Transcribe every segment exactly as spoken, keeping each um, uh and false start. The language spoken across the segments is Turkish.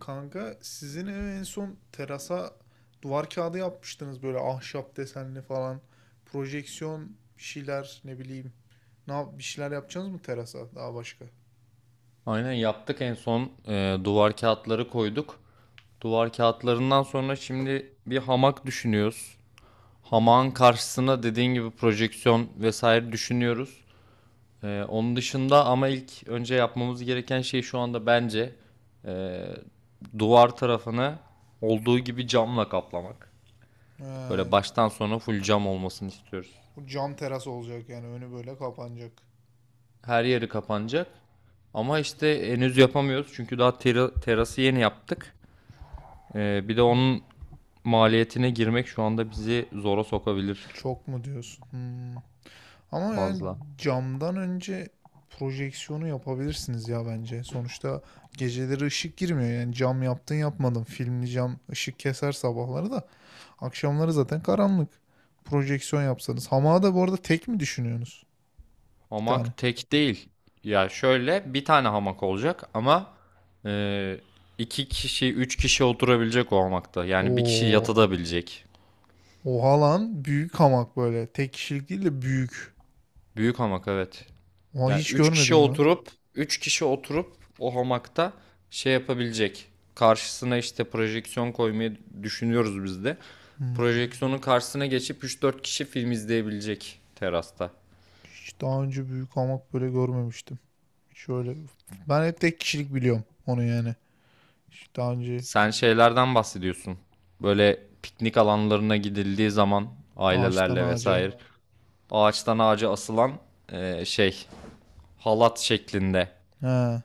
Kanka sizin ev en son terasa duvar kağıdı yapmıştınız böyle ahşap desenli falan. Projeksiyon bir şeyler ne bileyim. Ne yap- bir şeyler yapacaksınız mı terasa daha başka? Aynen yaptık en son, e, duvar kağıtları koyduk. Duvar kağıtlarından sonra şimdi bir hamak düşünüyoruz. Hamağın Hmm. karşısına dediğin gibi projeksiyon vesaire düşünüyoruz. E, onun dışında ama ilk önce yapmamız gereken şey şu anda bence, e, duvar tarafını olduğu gibi camla kaplamak. Ha, Böyle baştan sona full cam olmasını istiyoruz. bu cam teras olacak yani önü böyle kapanacak. Her yeri kapanacak. Ama işte henüz yapamıyoruz çünkü daha tera- terası yeni yaptık. Ee, bir de onun maliyetine girmek şu anda bizi zora sokabilir Çok mu diyorsun? Hmm. Ama yani fazla. camdan önce projeksiyonu yapabilirsiniz ya bence. Sonuçta geceleri ışık girmiyor yani cam yaptın yapmadın. Filmli cam ışık keser sabahları da. Akşamları zaten karanlık. Projeksiyon yapsanız. Hamağı da bu arada tek mi düşünüyorsunuz? Bir tane. Hamak tek değil. Ya şöyle bir tane hamak olacak ama e, iki kişi, üç kişi oturabilecek o hamakta. Yani bir kişi Oo. yatabilecek. Oha lan. Büyük hamak böyle. Tek kişilik değil de büyük. Büyük hamak evet. Oha Yani hiç üç kişi görmedim lan. oturup, üç kişi oturup o hamakta şey yapabilecek. Karşısına işte projeksiyon koymayı düşünüyoruz biz de. Hmm. Projeksiyonun karşısına geçip üç dört kişi film izleyebilecek terasta. Hiç daha önce büyük hamak böyle görmemiştim. Şöyle. Ben hep tek kişilik biliyorum onu yani. Hiç daha önce Sen şeylerden bahsediyorsun. Böyle piknik alanlarına gidildiği zaman ağaçtan ailelerle ağaca. vesaire ağaçtan ağaca asılan, e, şey, halat şeklinde. He.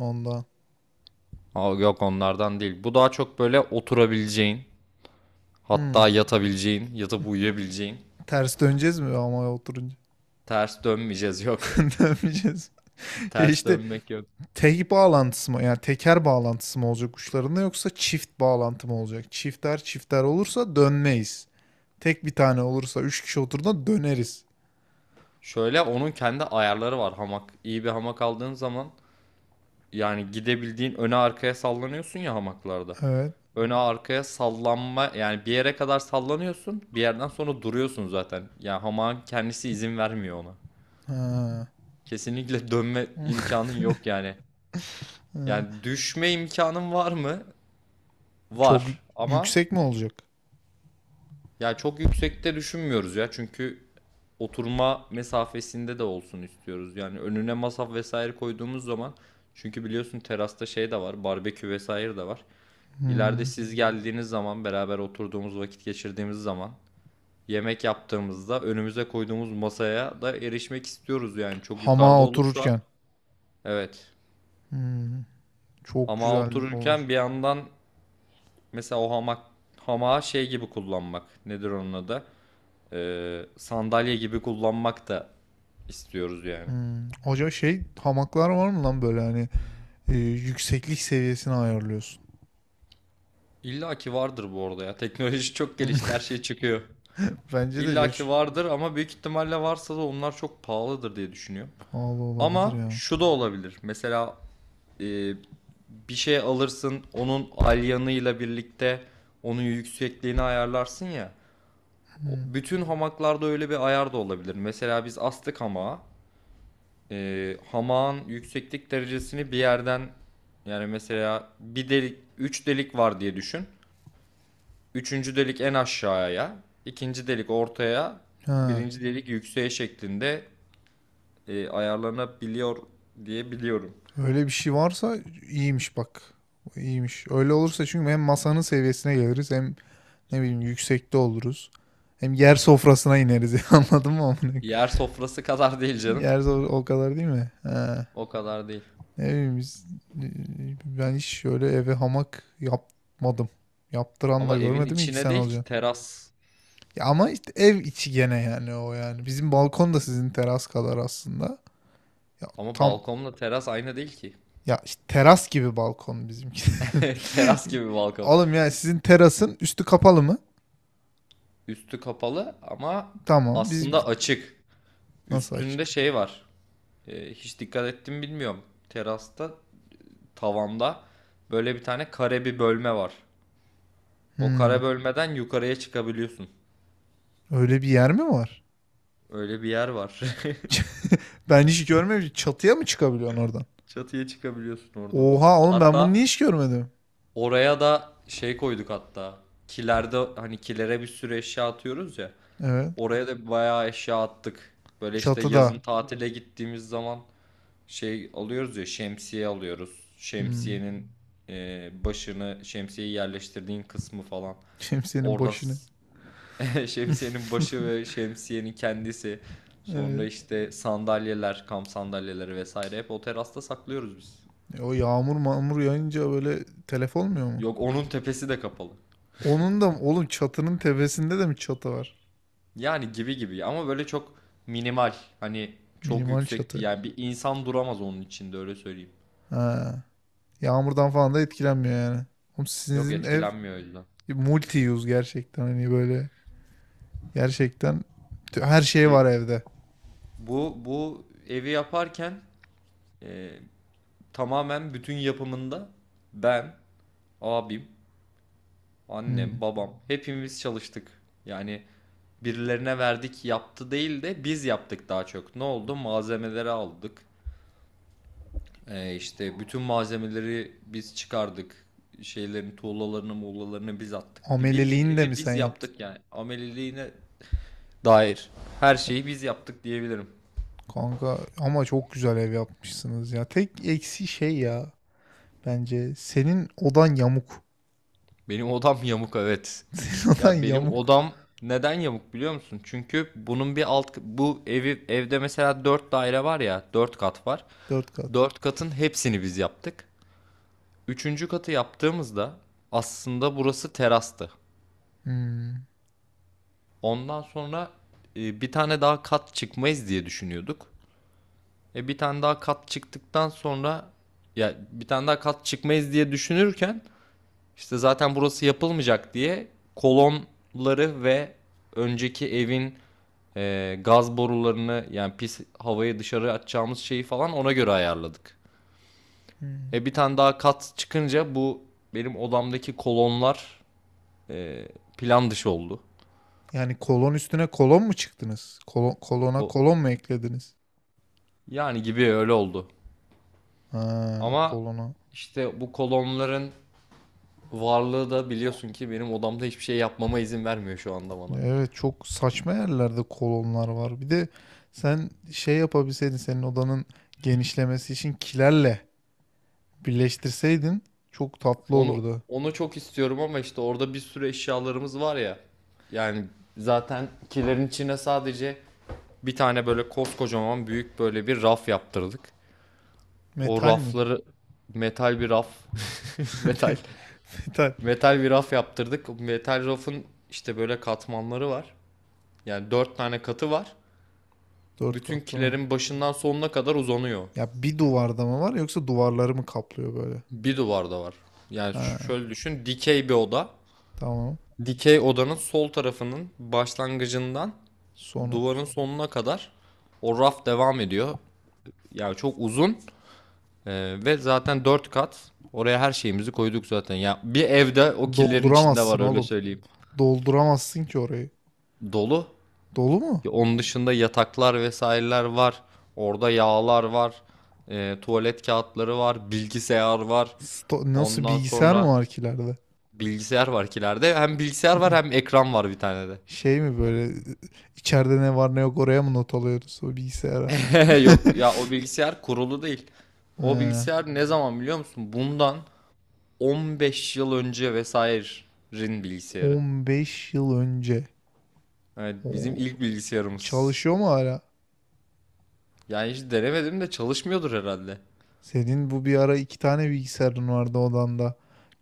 Ondan. Aa, yok onlardan değil. Bu daha çok böyle oturabileceğin, Hmm. hatta yatabileceğin, yatıp uyuyabileceğin. Ters döneceğiz mi hamaya oturunca? Ters dönmeyeceğiz, yok. Dönmeyeceğiz. Ya Ters işte dönmek yok. tek bağlantısı mı yani teker bağlantısı mı olacak uçlarında yoksa çift bağlantı mı olacak? Çifter çifter olursa dönmeyiz. Tek bir tane olursa üç kişi oturduğunda döneriz. Şöyle onun kendi ayarları var hamak. İyi bir hamak aldığın zaman, yani gidebildiğin, öne arkaya sallanıyorsun ya hamaklarda. Evet. Öne arkaya sallanma, yani bir yere kadar sallanıyorsun. Bir yerden sonra duruyorsun zaten. Yani hamağın kendisi izin vermiyor ona. Ha. Kesinlikle dönme imkanın yok yani. Yani düşme imkanın var mı? Çok Var ama yüksek mi olacak? yani çok yüksekte düşünmüyoruz ya. Çünkü oturma mesafesinde de olsun istiyoruz. Yani önüne masa vesaire koyduğumuz zaman, çünkü biliyorsun terasta şey de var, barbekü vesaire de var. İleride Hmm. siz geldiğiniz zaman, beraber oturduğumuz, vakit geçirdiğimiz zaman, yemek yaptığımızda önümüze koyduğumuz masaya da erişmek istiyoruz, yani çok yukarıda Hamağa olursa, otururken. evet, Hmm. Çok hamağa güzel otururken olur. bir yandan mesela o hamak hamağı şey gibi kullanmak, nedir onun adı, Ee, sandalye gibi kullanmak da istiyoruz yani. Hmm. Acaba şey hamaklar var mı lan böyle hani e, yükseklik seviyesini ayarlıyorsun. İlla ki vardır bu arada ya, teknoloji çok gelişti, her şey çıkıyor. Bence de ya, İlla ki ç- vardır ama büyük ihtimalle varsa da onlar çok pahalıdır diye düşünüyorum. pahalı olabilir Ama ya. şu da olabilir. Mesela, e, bir şey alırsın, onun alyanıyla birlikte onun yüksekliğini ayarlarsın ya. Hmm. Bütün hamaklarda öyle bir ayar da olabilir. Mesela biz astık hamağa. E, hamağın yükseklik derecesini bir yerden, yani mesela bir delik, üç delik var diye düşün. Üçüncü delik en aşağıya, ikinci delik ortaya, Ha. birinci delik yükseğe şeklinde e, ayarlanabiliyor diye biliyorum. Öyle bir şey varsa iyiymiş bak. İyiymiş. Öyle olursa çünkü hem masanın seviyesine geliriz hem ne bileyim yüksekte oluruz. Hem yer sofrasına ineriz anladın mı? amına? Yer sofrası kadar değil canım. Yer sofrası o kadar değil mi? Ha. O kadar değil. Ne bileyim biz, ben hiç şöyle eve hamak yapmadım. Yaptıran da Ama evin görmedim iki içine sene değil ki olacak. teras. Ya ama işte ev içi gene yani o yani. Bizim balkon da sizin teras kadar aslında. Ya Ama tam balkonla teras aynı değil ki. ya işte teras gibi balkon bizimki. Teras gibi balkon. Oğlum yani sizin terasın üstü kapalı mı? Üstü kapalı ama Tamam. bizim aslında açık. Nasıl Üstünde açık? şey var. E, hiç dikkat ettim bilmiyorum. Terasta, tavanda böyle bir tane kare bir bölme var. O Hmm. kare bölmeden yukarıya çıkabiliyorsun. Öyle bir yer mi var? Öyle bir yer var. Ben hiç görmemiştim. Çatıya mı çıkabiliyorsun oradan? Çatıya çıkabiliyorsun oradan. Oha oğlum ben bunu niye Hatta hiç görmedim? oraya da şey koyduk hatta. Kilerde hani kilere bir sürü eşya atıyoruz ya. Evet. Oraya da bayağı eşya attık. Böyle işte yazın Çatıda. tatile gittiğimiz zaman şey alıyoruz ya, şemsiye alıyoruz. Hmm. Şemsiyenin, e, başını, şemsiyeyi yerleştirdiğin kısmı falan. Şemsiyenin Orada başını. s- şemsiyenin başı ve şemsiyenin kendisi. Sonra Evet. işte sandalyeler, kamp sandalyeleri vesaire hep o terasta saklıyoruz biz. E, o yağmur mağmur yağınca böyle telef olmuyor mu? Yok, onun tepesi de kapalı. Onun da oğlum çatının tepesinde de mi çatı var? Yani gibi gibi ama böyle çok minimal. Hani çok Minimal yüksekti. çatı. Yani bir insan duramaz onun içinde, öyle söyleyeyim. Ha. Yağmurdan falan da etkilenmiyor yani. Oğlum Yok, sizin ev etkilenmiyor, o yüzden. multi use gerçekten hani böyle gerçekten her şey var E, evde. bu bu evi yaparken, e, tamamen bütün yapımında ben, abim, Hmm. annem, babam hepimiz çalıştık. Yani birilerine verdik yaptı değil de biz yaptık daha çok. Ne oldu? Malzemeleri aldık. E, işte bütün malzemeleri biz çıkardık. Şeylerin tuğlalarını muğlalarını biz attık. Bir bildiğin Ameliliğini de evi mi sen biz yaptın? yaptık yani. Ameliliğine dair her şeyi biz yaptık diyebilirim. Kanka ama çok güzel ev yapmışsınız ya. Tek eksi şey ya bence senin odan yamuk. Benim odam yamuk evet. Senin odan Ya benim yamuk. odam neden yamuk biliyor musun? Çünkü bunun bir alt bu evi evde mesela dört daire var ya, dört kat var. Dört kat. Dört katın hepsini biz yaptık. Üçüncü katı yaptığımızda aslında burası terastı. Hmm. Ondan sonra, e, bir tane daha kat çıkmayız diye düşünüyorduk. E bir tane daha kat çıktıktan sonra, ya bir tane daha kat çıkmayız diye düşünürken, İşte zaten burası yapılmayacak diye kolonları ve önceki evin, e, gaz borularını, yani pis havayı dışarı atacağımız şeyi falan ona göre ayarladık. Hmm. E bir tane daha kat çıkınca bu benim odamdaki kolonlar e, plan dışı oldu. Yani kolon üstüne kolon mu çıktınız? Kolon, kolona O kolon mu eklediniz? yani gibi öyle oldu. Ha, Ama kolona. işte bu kolonların varlığı da biliyorsun ki benim odamda hiçbir şey yapmama izin vermiyor şu anda bana. Evet çok saçma yerlerde kolonlar var. Bir de sen şey yapabilseydin senin odanın genişlemesi için kilerle birleştirseydin çok tatlı Onu olurdu. onu çok istiyorum ama işte orada bir sürü eşyalarımız var ya. Yani zaten kilerin içine sadece bir tane böyle koskocaman büyük böyle bir raf yaptırdık. O Metal mi? rafları metal bir raf. metal Metal. metal bir raf yaptırdık. O metal rafın işte böyle katmanları var. Yani dört tane katı var. Dört Bütün katlı mı? kilerin başından sonuna kadar uzanıyor. Ya bir duvarda mı var yoksa duvarları mı kaplıyor böyle? Bir duvarda var. Yani ş- Ha, şöyle düşün, dikey bir oda. tamam. Dikey odanın sol tarafının başlangıcından Son duvarın sonuna kadar o raf devam ediyor. Yani çok uzun, ee, ve zaten dört kat. Oraya her şeyimizi koyduk zaten. Ya bir evde o killerin içinde Dolduramazsın var, öyle oğlum. söyleyeyim. Dolduramazsın ki orayı. Dolu. Dolu mu? Ya onun dışında yataklar vesaireler var. Orada yağlar var. Ee, tuvalet kağıtları var. Bilgisayar var. Sto- Nasıl Ondan bilgisayar mı sonra, var ki ileride? bilgisayar var kilerde. Hem bilgisayar var Ne? hem ekran var bir tane de. Şey mi böyle içeride ne var ne yok oraya mı not alıyoruz o bilgisayara? Yok ya, o bilgisayar kurulu değil. O He. bilgisayar ne zaman biliyor musun? Bundan on beş yıl önce vesaire'in bilgisayarı. on beş yıl önce. Evet, Oo, bizim ilk bilgisayarımız. çalışıyor mu hala? Yani hiç denemedim de çalışmıyordur herhalde. Senin bu bir ara iki tane bilgisayarın vardı odanda.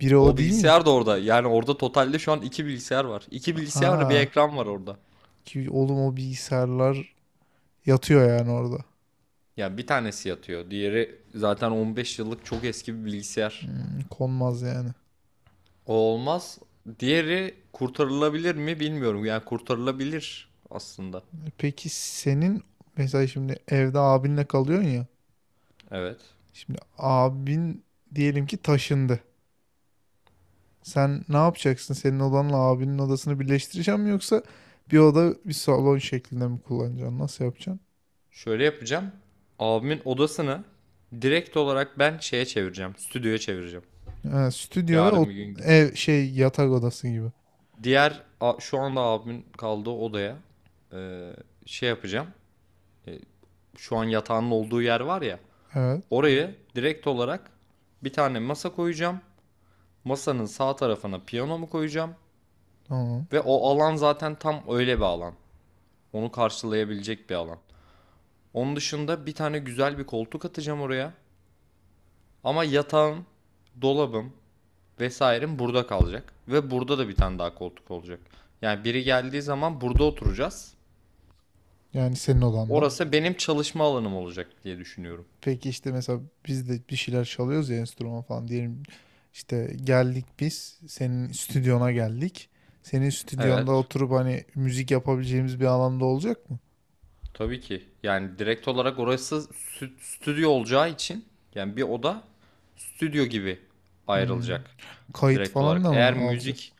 Biri O o değil mi? bilgisayar da orada. Yani orada totalde şu an iki bilgisayar var. İki bilgisayar, bir Aa, ekran var orada. ki oğlum o bilgisayarlar yatıyor yani orada. Yani bir tanesi yatıyor. Diğeri zaten on beş yıllık çok eski bir bilgisayar. Hmm, konmaz yani. O olmaz. Diğeri kurtarılabilir mi bilmiyorum. Yani kurtarılabilir aslında. Peki senin mesela şimdi evde abinle kalıyorsun ya. Evet. Şimdi abin diyelim ki taşındı. Sen ne yapacaksın? Senin odanla abinin odasını birleştireceğim mi yoksa bir oda bir salon şeklinde mi kullanacaksın? Nasıl yapacaksın? Şöyle yapacağım. Abimin odasını direkt olarak ben şeye çevireceğim. Stüdyoya çevireceğim. Ha, stüdyo ve Yarın bir o gün git. ev şey yatak odası gibi. Diğer a- şu anda abimin kaldığı odaya, e, şey yapacağım. E, Şu an yatağının olduğu yer var ya. Evet. Oraya direkt olarak bir tane masa koyacağım. Masanın sağ tarafına piyanomu koyacağım. Tamam. Ve o alan zaten tam öyle bir alan. Onu karşılayabilecek bir alan. Onun dışında bir tane güzel bir koltuk atacağım oraya. Ama yatağım, dolabım vesairem burada kalacak. Ve burada da bir tane daha koltuk olacak. Yani biri geldiği zaman burada oturacağız. Yani senin odanda. Orası benim çalışma alanım olacak diye düşünüyorum. Peki işte mesela biz de bir şeyler çalıyoruz ya enstrüman falan diyelim işte geldik biz senin stüdyona geldik. Senin stüdyonda Evet. oturup hani müzik yapabileceğimiz bir alanda olacak mı? Tabii ki. Yani direkt olarak orası stü- stüdyo olacağı için, yani bir oda stüdyo gibi Hmm. ayrılacak Kayıt direkt olarak. falan da mı Eğer alacağız? müzik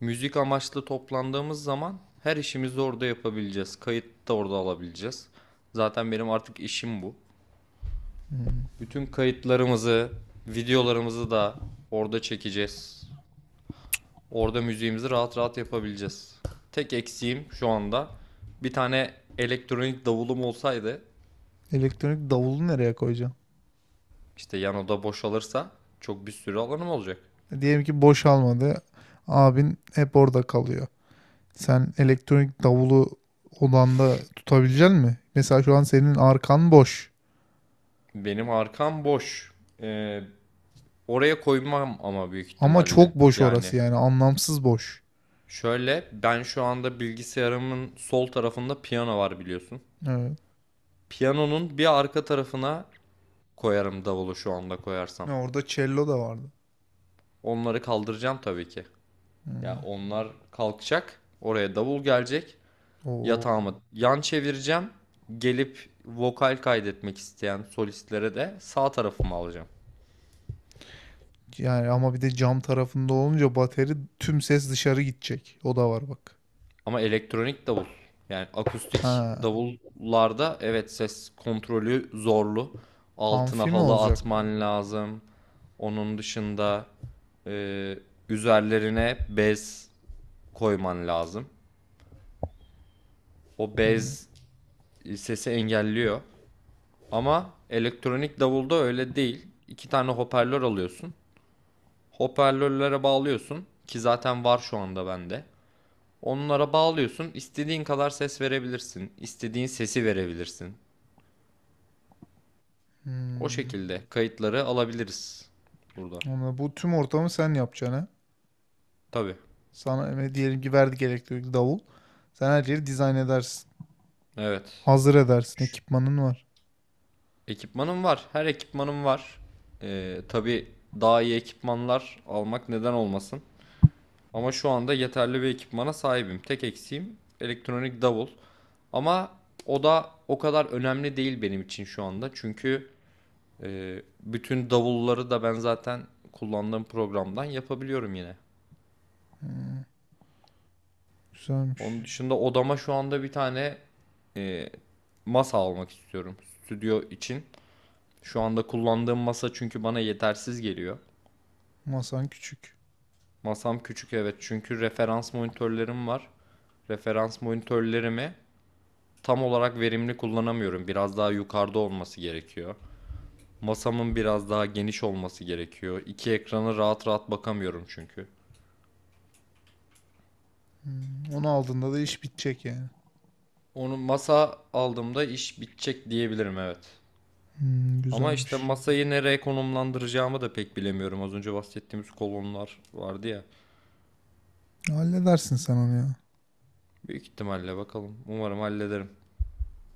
müzik amaçlı toplandığımız zaman her işimizi orada yapabileceğiz. Kayıt da orada alabileceğiz. Zaten benim artık işim bu. Hmm. Bütün kayıtlarımızı, videolarımızı da orada çekeceğiz. Orada müziğimizi rahat rahat yapabileceğiz. Tek eksiğim şu anda, bir tane elektronik davulum olsaydı, Elektronik davulu nereye koyacaksın? işte yan oda boşalırsa çok bir sürü alanım olacak. Diyelim ki boş almadı. Abin hep orada kalıyor. Sen elektronik davulu odanda tutabilecek mi? Mesela şu an senin arkan boş. Benim arkam boş. Ee, Oraya koymam ama büyük Ama ihtimalle. çok boş orası Yani yani anlamsız boş. şöyle, ben şu anda bilgisayarımın sol tarafında piyano var biliyorsun. Evet. Piyanonun bir arka tarafına koyarım davulu şu anda koyarsam. Ne orada cello da vardı. Onları kaldıracağım tabii ki. Ya, Hmm. onlar kalkacak, oraya davul gelecek. Oo. Yatağımı yan çevireceğim. Gelip vokal kaydetmek isteyen solistlere de sağ tarafımı alacağım. Yani ama bir de cam tarafında olunca bateri tüm ses dışarı gidecek. O da var bak. Ama elektronik davul, yani akustik Ha. davullarda evet, ses kontrolü zorlu. Amfi Altına mi halı olacak? atman lazım. Onun dışında, e, üzerlerine bez koyman lazım. O Hmm. bez sesi engelliyor. Ama elektronik davulda öyle değil. İki tane hoparlör alıyorsun. Hoparlörlere bağlıyorsun, ki zaten var şu anda bende. Onlara bağlıyorsun. İstediğin kadar ses verebilirsin. İstediğin sesi verebilirsin. O Hmm. şekilde kayıtları alabiliriz burada. Ama bu tüm ortamı sen yapacaksın ha. Tabii. Sana e, diyelim ki verdik elektrikli davul. Sen her yeri dizayn edersin. Evet. Hazır edersin. Ekipmanın var. Ekipmanım var. Her ekipmanım var. Ee, tabii daha iyi ekipmanlar almak neden olmasın. Ama şu anda yeterli bir ekipmana sahibim. Tek eksiğim elektronik davul. Ama o da o kadar önemli değil benim için şu anda. Çünkü Ee, bütün davulları da ben zaten kullandığım programdan yapabiliyorum yine. Onun Güzelmiş. dışında odama şu anda bir tane, e, masa almak istiyorum stüdyo için. Şu anda kullandığım masa çünkü bana yetersiz geliyor. Masan küçük. Masam küçük evet, çünkü referans monitörlerim var. Referans monitörlerimi tam olarak verimli kullanamıyorum. Biraz daha yukarıda olması gerekiyor. Masamın biraz daha geniş olması gerekiyor. İki ekrana rahat rahat bakamıyorum çünkü. Onu aldığında da iş bitecek yani. Onu masa aldığımda iş bitecek diyebilirim evet. Hmm, Ama işte güzelmiş. masayı nereye konumlandıracağımı da pek bilemiyorum. Az önce bahsettiğimiz kolonlar vardı ya. Halledersin sen onu ya. Büyük ihtimalle bakalım. Umarım hallederim.